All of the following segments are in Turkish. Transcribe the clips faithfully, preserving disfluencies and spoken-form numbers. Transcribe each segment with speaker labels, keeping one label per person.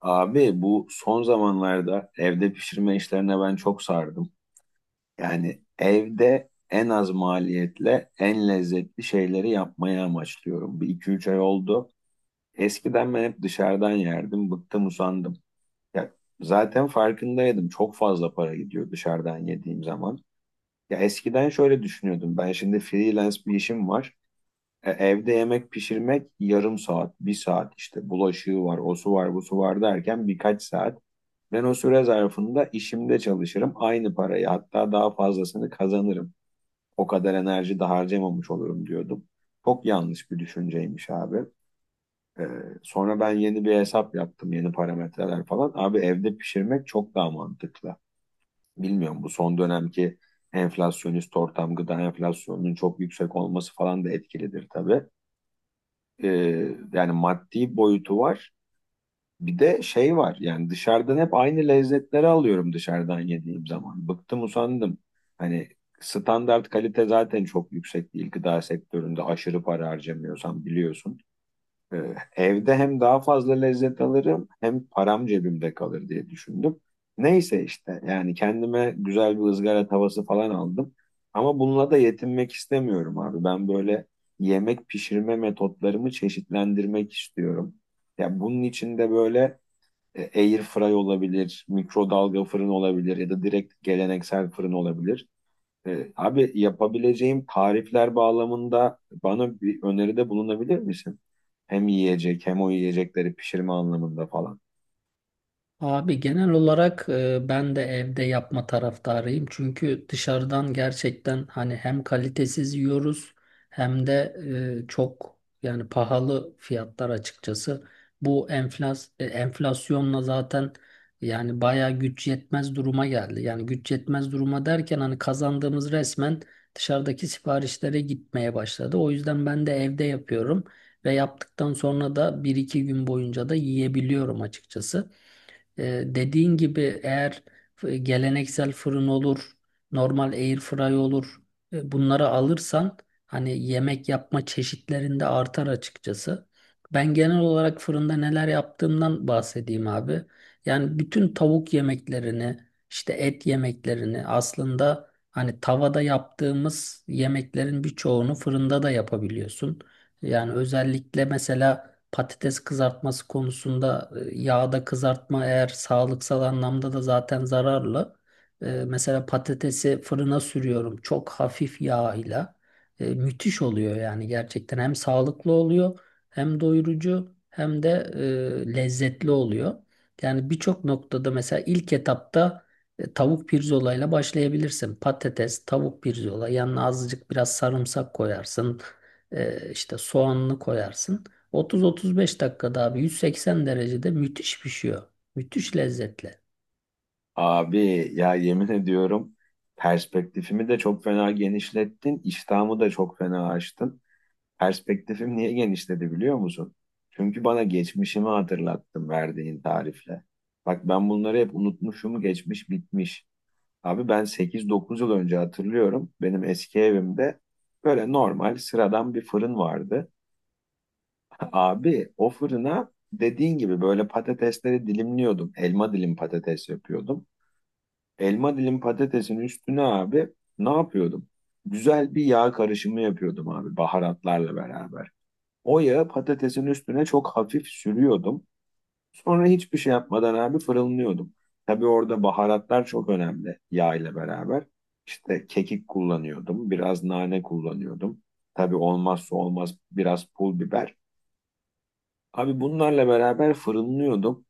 Speaker 1: Abi bu son zamanlarda evde pişirme işlerine ben çok sardım. Yani evde en az maliyetle en lezzetli şeyleri yapmayı amaçlıyorum. Bir iki üç ay oldu. Eskiden ben hep dışarıdan yerdim. Bıktım usandım. Ya zaten farkındaydım. Çok fazla para gidiyor dışarıdan yediğim zaman. Ya eskiden şöyle düşünüyordum. Ben şimdi freelance bir işim var. E, evde yemek pişirmek yarım saat, bir saat işte bulaşığı var, o su var, bu su var derken birkaç saat. Ben o süre zarfında işimde çalışırım. Aynı parayı hatta daha fazlasını kazanırım. O kadar enerji de harcamamış olurum diyordum. Çok yanlış bir düşünceymiş abi. Ee, Sonra ben yeni bir hesap yaptım. Yeni parametreler falan. Abi evde pişirmek çok daha mantıklı. Bilmiyorum bu son dönemki enflasyonist ortam gıda enflasyonunun çok yüksek olması falan da etkilidir tabii. Ee, Yani maddi boyutu var. Bir de şey var yani dışarıdan hep aynı lezzetleri alıyorum dışarıdan yediğim zaman. Bıktım usandım. Hani standart kalite zaten çok yüksek değil gıda sektöründe aşırı para harcamıyorsam biliyorsun. Ee, evde hem daha fazla lezzet alırım hem param cebimde kalır diye düşündüm. Neyse işte yani kendime güzel bir ızgara tavası falan aldım. Ama bununla da yetinmek istemiyorum abi. Ben böyle yemek pişirme metotlarımı çeşitlendirmek istiyorum. Ya bunun için de böyle e, Air fry olabilir, mikrodalga fırın olabilir ya da direkt geleneksel fırın olabilir. E, abi yapabileceğim tarifler bağlamında bana bir öneride bulunabilir misin? Hem yiyecek hem o yiyecekleri pişirme anlamında falan.
Speaker 2: Abi genel olarak e, ben de evde yapma taraftarıyım. Çünkü dışarıdan gerçekten hani hem kalitesiz yiyoruz hem de e, çok yani pahalı fiyatlar açıkçası. Bu enflas e, enflasyonla zaten yani bayağı güç yetmez duruma geldi. Yani güç yetmez duruma derken hani kazandığımız resmen dışarıdaki siparişlere gitmeye başladı. O yüzden ben de evde yapıyorum ve yaptıktan sonra da bir iki gün boyunca da yiyebiliyorum açıkçası. E, dediğin gibi eğer f- geleneksel fırın olur, normal air fry olur, e, bunları alırsan hani yemek yapma çeşitlerinde artar açıkçası. Ben genel olarak fırında neler yaptığımdan bahsedeyim abi. Yani bütün tavuk yemeklerini, işte et yemeklerini aslında hani tavada yaptığımız yemeklerin birçoğunu fırında da yapabiliyorsun. Yani özellikle mesela patates kızartması konusunda e, yağda kızartma eğer sağlıksal anlamda da zaten zararlı. E, Mesela patatesi fırına sürüyorum çok hafif yağ ile. E, Müthiş oluyor yani gerçekten hem sağlıklı oluyor hem doyurucu hem de e, lezzetli oluyor. Yani birçok noktada mesela ilk etapta e, tavuk pirzolayla başlayabilirsin. Patates, tavuk pirzola yanına azıcık biraz sarımsak koyarsın. E, işte soğanını koyarsın. otuz otuz beş dakikada abi yüz seksen derecede müthiş pişiyor. Müthiş lezzetli.
Speaker 1: Abi ya yemin ediyorum perspektifimi de çok fena genişlettin, iştahımı da çok fena açtın. Perspektifim niye genişledi biliyor musun? Çünkü bana geçmişimi hatırlattın verdiğin tarifle. Bak ben bunları hep unutmuşum, geçmiş bitmiş. Abi ben sekiz dokuz yıl önce hatırlıyorum. Benim eski evimde böyle normal sıradan bir fırın vardı. Abi o fırına dediğin gibi böyle patatesleri dilimliyordum. Elma dilim patates yapıyordum. Elma dilim patatesin üstüne abi ne yapıyordum? Güzel bir yağ karışımı yapıyordum abi baharatlarla beraber. O yağı patatesin üstüne çok hafif sürüyordum. Sonra hiçbir şey yapmadan abi fırınlıyordum. Tabii orada baharatlar çok önemli yağ ile beraber. İşte kekik kullanıyordum, biraz nane kullanıyordum. Tabii olmazsa olmaz biraz pul biber. Abi bunlarla beraber fırınlıyordum.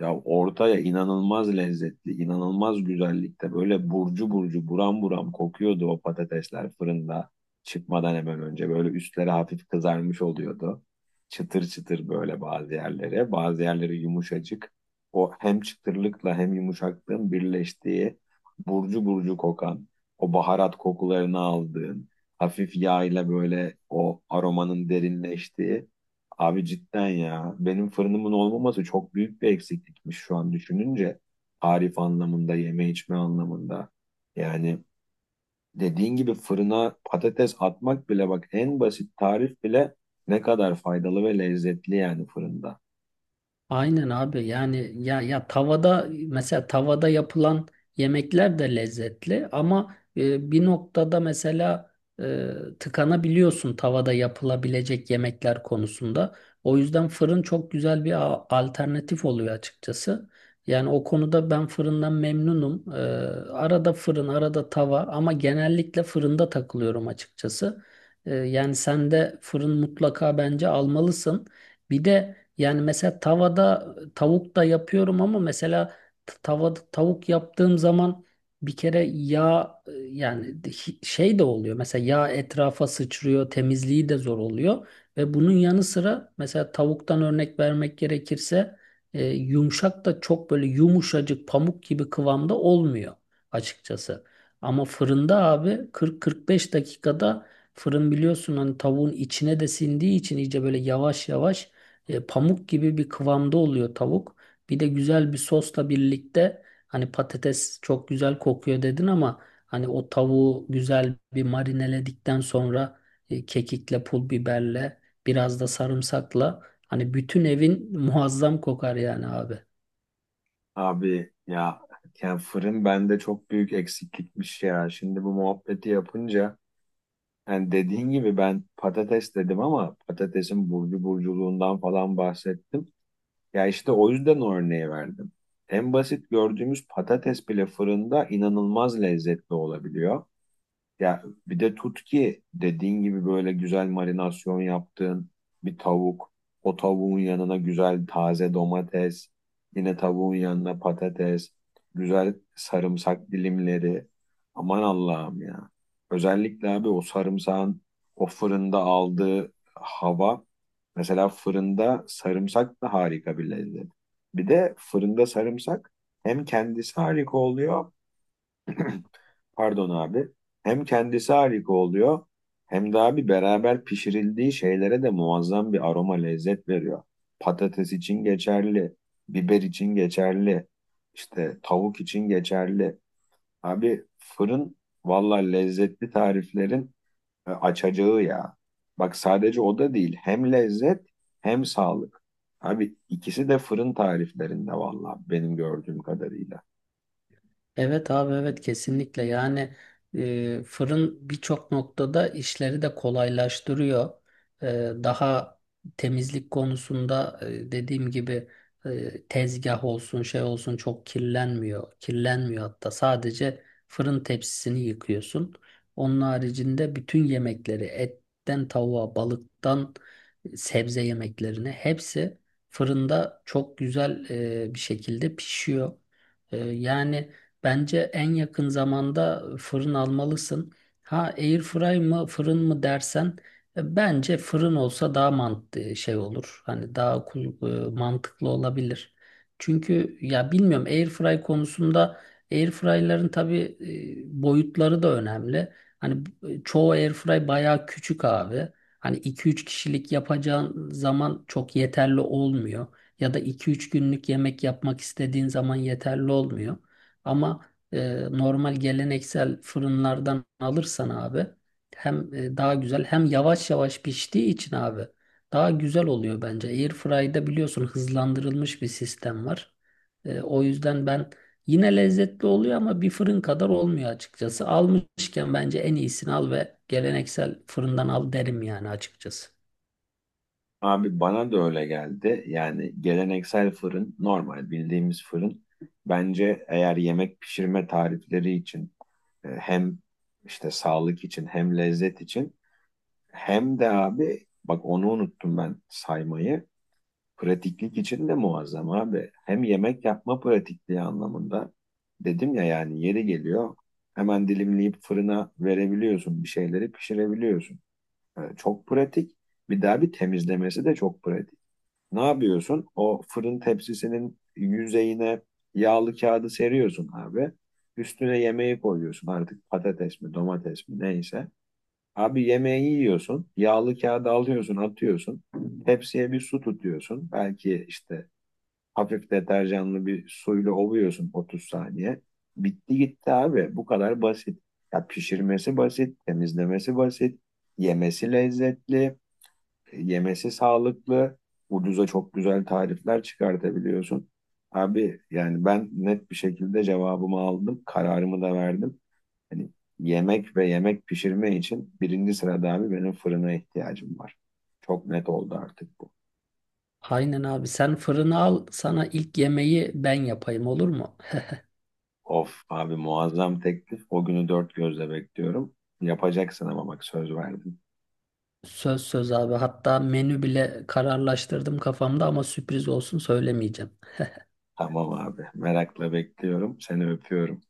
Speaker 1: Ya ortaya inanılmaz lezzetli, inanılmaz güzellikte böyle burcu burcu buram buram kokuyordu o patatesler fırında çıkmadan hemen önce. Böyle üstleri hafif kızarmış oluyordu. Çıtır çıtır böyle bazı yerlere, bazı yerleri yumuşacık. O hem çıtırlıkla hem yumuşaklığın birleştiği burcu burcu kokan, o baharat kokularını aldığın, hafif yağ ile böyle o aromanın derinleştiği. Abi cidden ya. Benim fırınımın olmaması çok büyük bir eksiklikmiş şu an düşününce. Tarif anlamında, yeme içme anlamında. Yani dediğin gibi fırına patates atmak bile bak en basit tarif bile ne kadar faydalı ve lezzetli yani fırında.
Speaker 2: Aynen abi yani ya ya tavada mesela tavada yapılan yemekler de lezzetli ama e, bir noktada mesela e, tıkanabiliyorsun tavada yapılabilecek yemekler konusunda. O yüzden fırın çok güzel bir a- alternatif oluyor açıkçası. Yani o konuda ben fırından memnunum. E, arada fırın, arada tava ama genellikle fırında takılıyorum açıkçası. E, yani sen de fırın mutlaka bence almalısın. Bir de yani mesela tavada tavuk da yapıyorum ama mesela t- tavada tavuk yaptığım zaman bir kere yağ e, yani de- hi- şey de oluyor. Mesela yağ etrafa sıçrıyor, temizliği de zor oluyor ve bunun yanı sıra mesela tavuktan örnek vermek gerekirse e, yumuşak da çok böyle yumuşacık pamuk gibi kıvamda olmuyor açıkçası. Ama fırında abi kırk kırk beş dakikada fırın biliyorsun hani tavuğun içine de sindiği için iyice böyle yavaş yavaş e, pamuk gibi bir kıvamda oluyor tavuk. Bir de güzel bir sosla birlikte hani patates çok güzel kokuyor dedin ama hani o tavuğu güzel bir marineledikten sonra e, kekikle, pul biberle, biraz da sarımsakla hani bütün evin muazzam kokar yani abi.
Speaker 1: Abi ya yani fırın bende çok büyük eksiklikmiş ya. Şimdi bu muhabbeti yapınca yani dediğin gibi ben patates dedim ama patatesin burcu burculuğundan falan bahsettim. Ya işte o yüzden o örneği verdim. En basit gördüğümüz patates bile fırında inanılmaz lezzetli olabiliyor. Ya bir de tut ki dediğin gibi böyle güzel marinasyon yaptığın bir tavuk. O tavuğun yanına güzel taze domates, yine tavuğun yanına patates, güzel sarımsak dilimleri. Aman Allah'ım ya. Özellikle abi o sarımsağın o fırında aldığı hava. Mesela fırında sarımsak da harika bir lezzet. Bir de fırında sarımsak hem kendisi harika oluyor pardon abi. Hem kendisi harika oluyor hem de abi beraber pişirildiği şeylere de muazzam bir aroma lezzet veriyor. Patates için geçerli, biber için geçerli, işte tavuk için geçerli. Abi fırın valla lezzetli tariflerin e, açacağı ya. Bak sadece o da değil hem lezzet hem sağlık. Abi ikisi de fırın tariflerinde valla benim gördüğüm kadarıyla.
Speaker 2: Evet abi, evet, kesinlikle yani e, fırın birçok noktada işleri de kolaylaştırıyor. E, Daha temizlik konusunda e, dediğim gibi e, tezgah olsun şey olsun çok kirlenmiyor. Kirlenmiyor, hatta sadece fırın tepsisini yıkıyorsun. Onun haricinde bütün yemekleri etten tavuğa, balıktan sebze yemeklerine hepsi fırında çok güzel e, bir şekilde pişiyor. E, yani... Bence en yakın zamanda fırın almalısın. Ha airfry mı fırın mı dersen e, bence fırın olsa daha mantıklı e, şey olur. Hani daha kul- e, mantıklı olabilir. Çünkü ya bilmiyorum airfry konusunda airfryların tabii e, boyutları da önemli. Hani e, çoğu airfry bayağı küçük abi. Hani iki üç kişilik yapacağın zaman çok yeterli olmuyor. Ya da iki üç günlük yemek yapmak istediğin zaman yeterli olmuyor. Ama e, normal geleneksel fırınlardan alırsan abi hem e, daha güzel, hem yavaş yavaş piştiği için abi daha güzel oluyor bence. Airfry'da biliyorsun hızlandırılmış bir sistem var. E, o yüzden ben yine lezzetli oluyor ama bir fırın kadar olmuyor açıkçası. Almışken bence en iyisini al ve geleneksel fırından al derim yani açıkçası.
Speaker 1: Abi bana da öyle geldi. Yani geleneksel fırın, normal bildiğimiz fırın bence eğer yemek pişirme tarifleri için e, hem işte sağlık için hem lezzet için hem de abi bak onu unuttum ben saymayı. Pratiklik için de muazzam abi. Hem yemek yapma pratikliği anlamında dedim ya yani yeri geliyor hemen dilimleyip fırına verebiliyorsun bir şeyleri pişirebiliyorsun. E, Çok pratik. Bir daha bir temizlemesi de çok pratik. Ne yapıyorsun? O fırın tepsisinin yüzeyine yağlı kağıdı seriyorsun abi. Üstüne yemeği koyuyorsun artık patates mi domates mi neyse. Abi yemeği yiyorsun. Yağlı kağıdı alıyorsun atıyorsun. Tepsiye bir su tutuyorsun. Belki işte hafif deterjanlı bir suyla ovuyorsun otuz saniye. Bitti gitti abi. Bu kadar basit. Ya pişirmesi basit, temizlemesi basit, yemesi lezzetli. Yemesi sağlıklı. Ucuza çok güzel tarifler çıkartabiliyorsun. Abi yani ben net bir şekilde cevabımı aldım. Kararımı da verdim. Hani yemek ve yemek pişirme için birinci sırada abi benim fırına ihtiyacım var. Çok net oldu artık bu.
Speaker 2: Aynen abi, sen fırını al, sana ilk yemeği ben yapayım, olur mu?
Speaker 1: Of abi muazzam teklif. O günü dört gözle bekliyorum. Yapacaksın ama bak söz verdim.
Speaker 2: Söz söz abi. Hatta menü bile kararlaştırdım kafamda ama sürpriz olsun, söylemeyeceğim.
Speaker 1: Tamam abi. Merakla bekliyorum. Seni öpüyorum.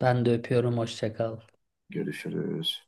Speaker 2: Ben de öpüyorum. Hoşça kal.
Speaker 1: Görüşürüz.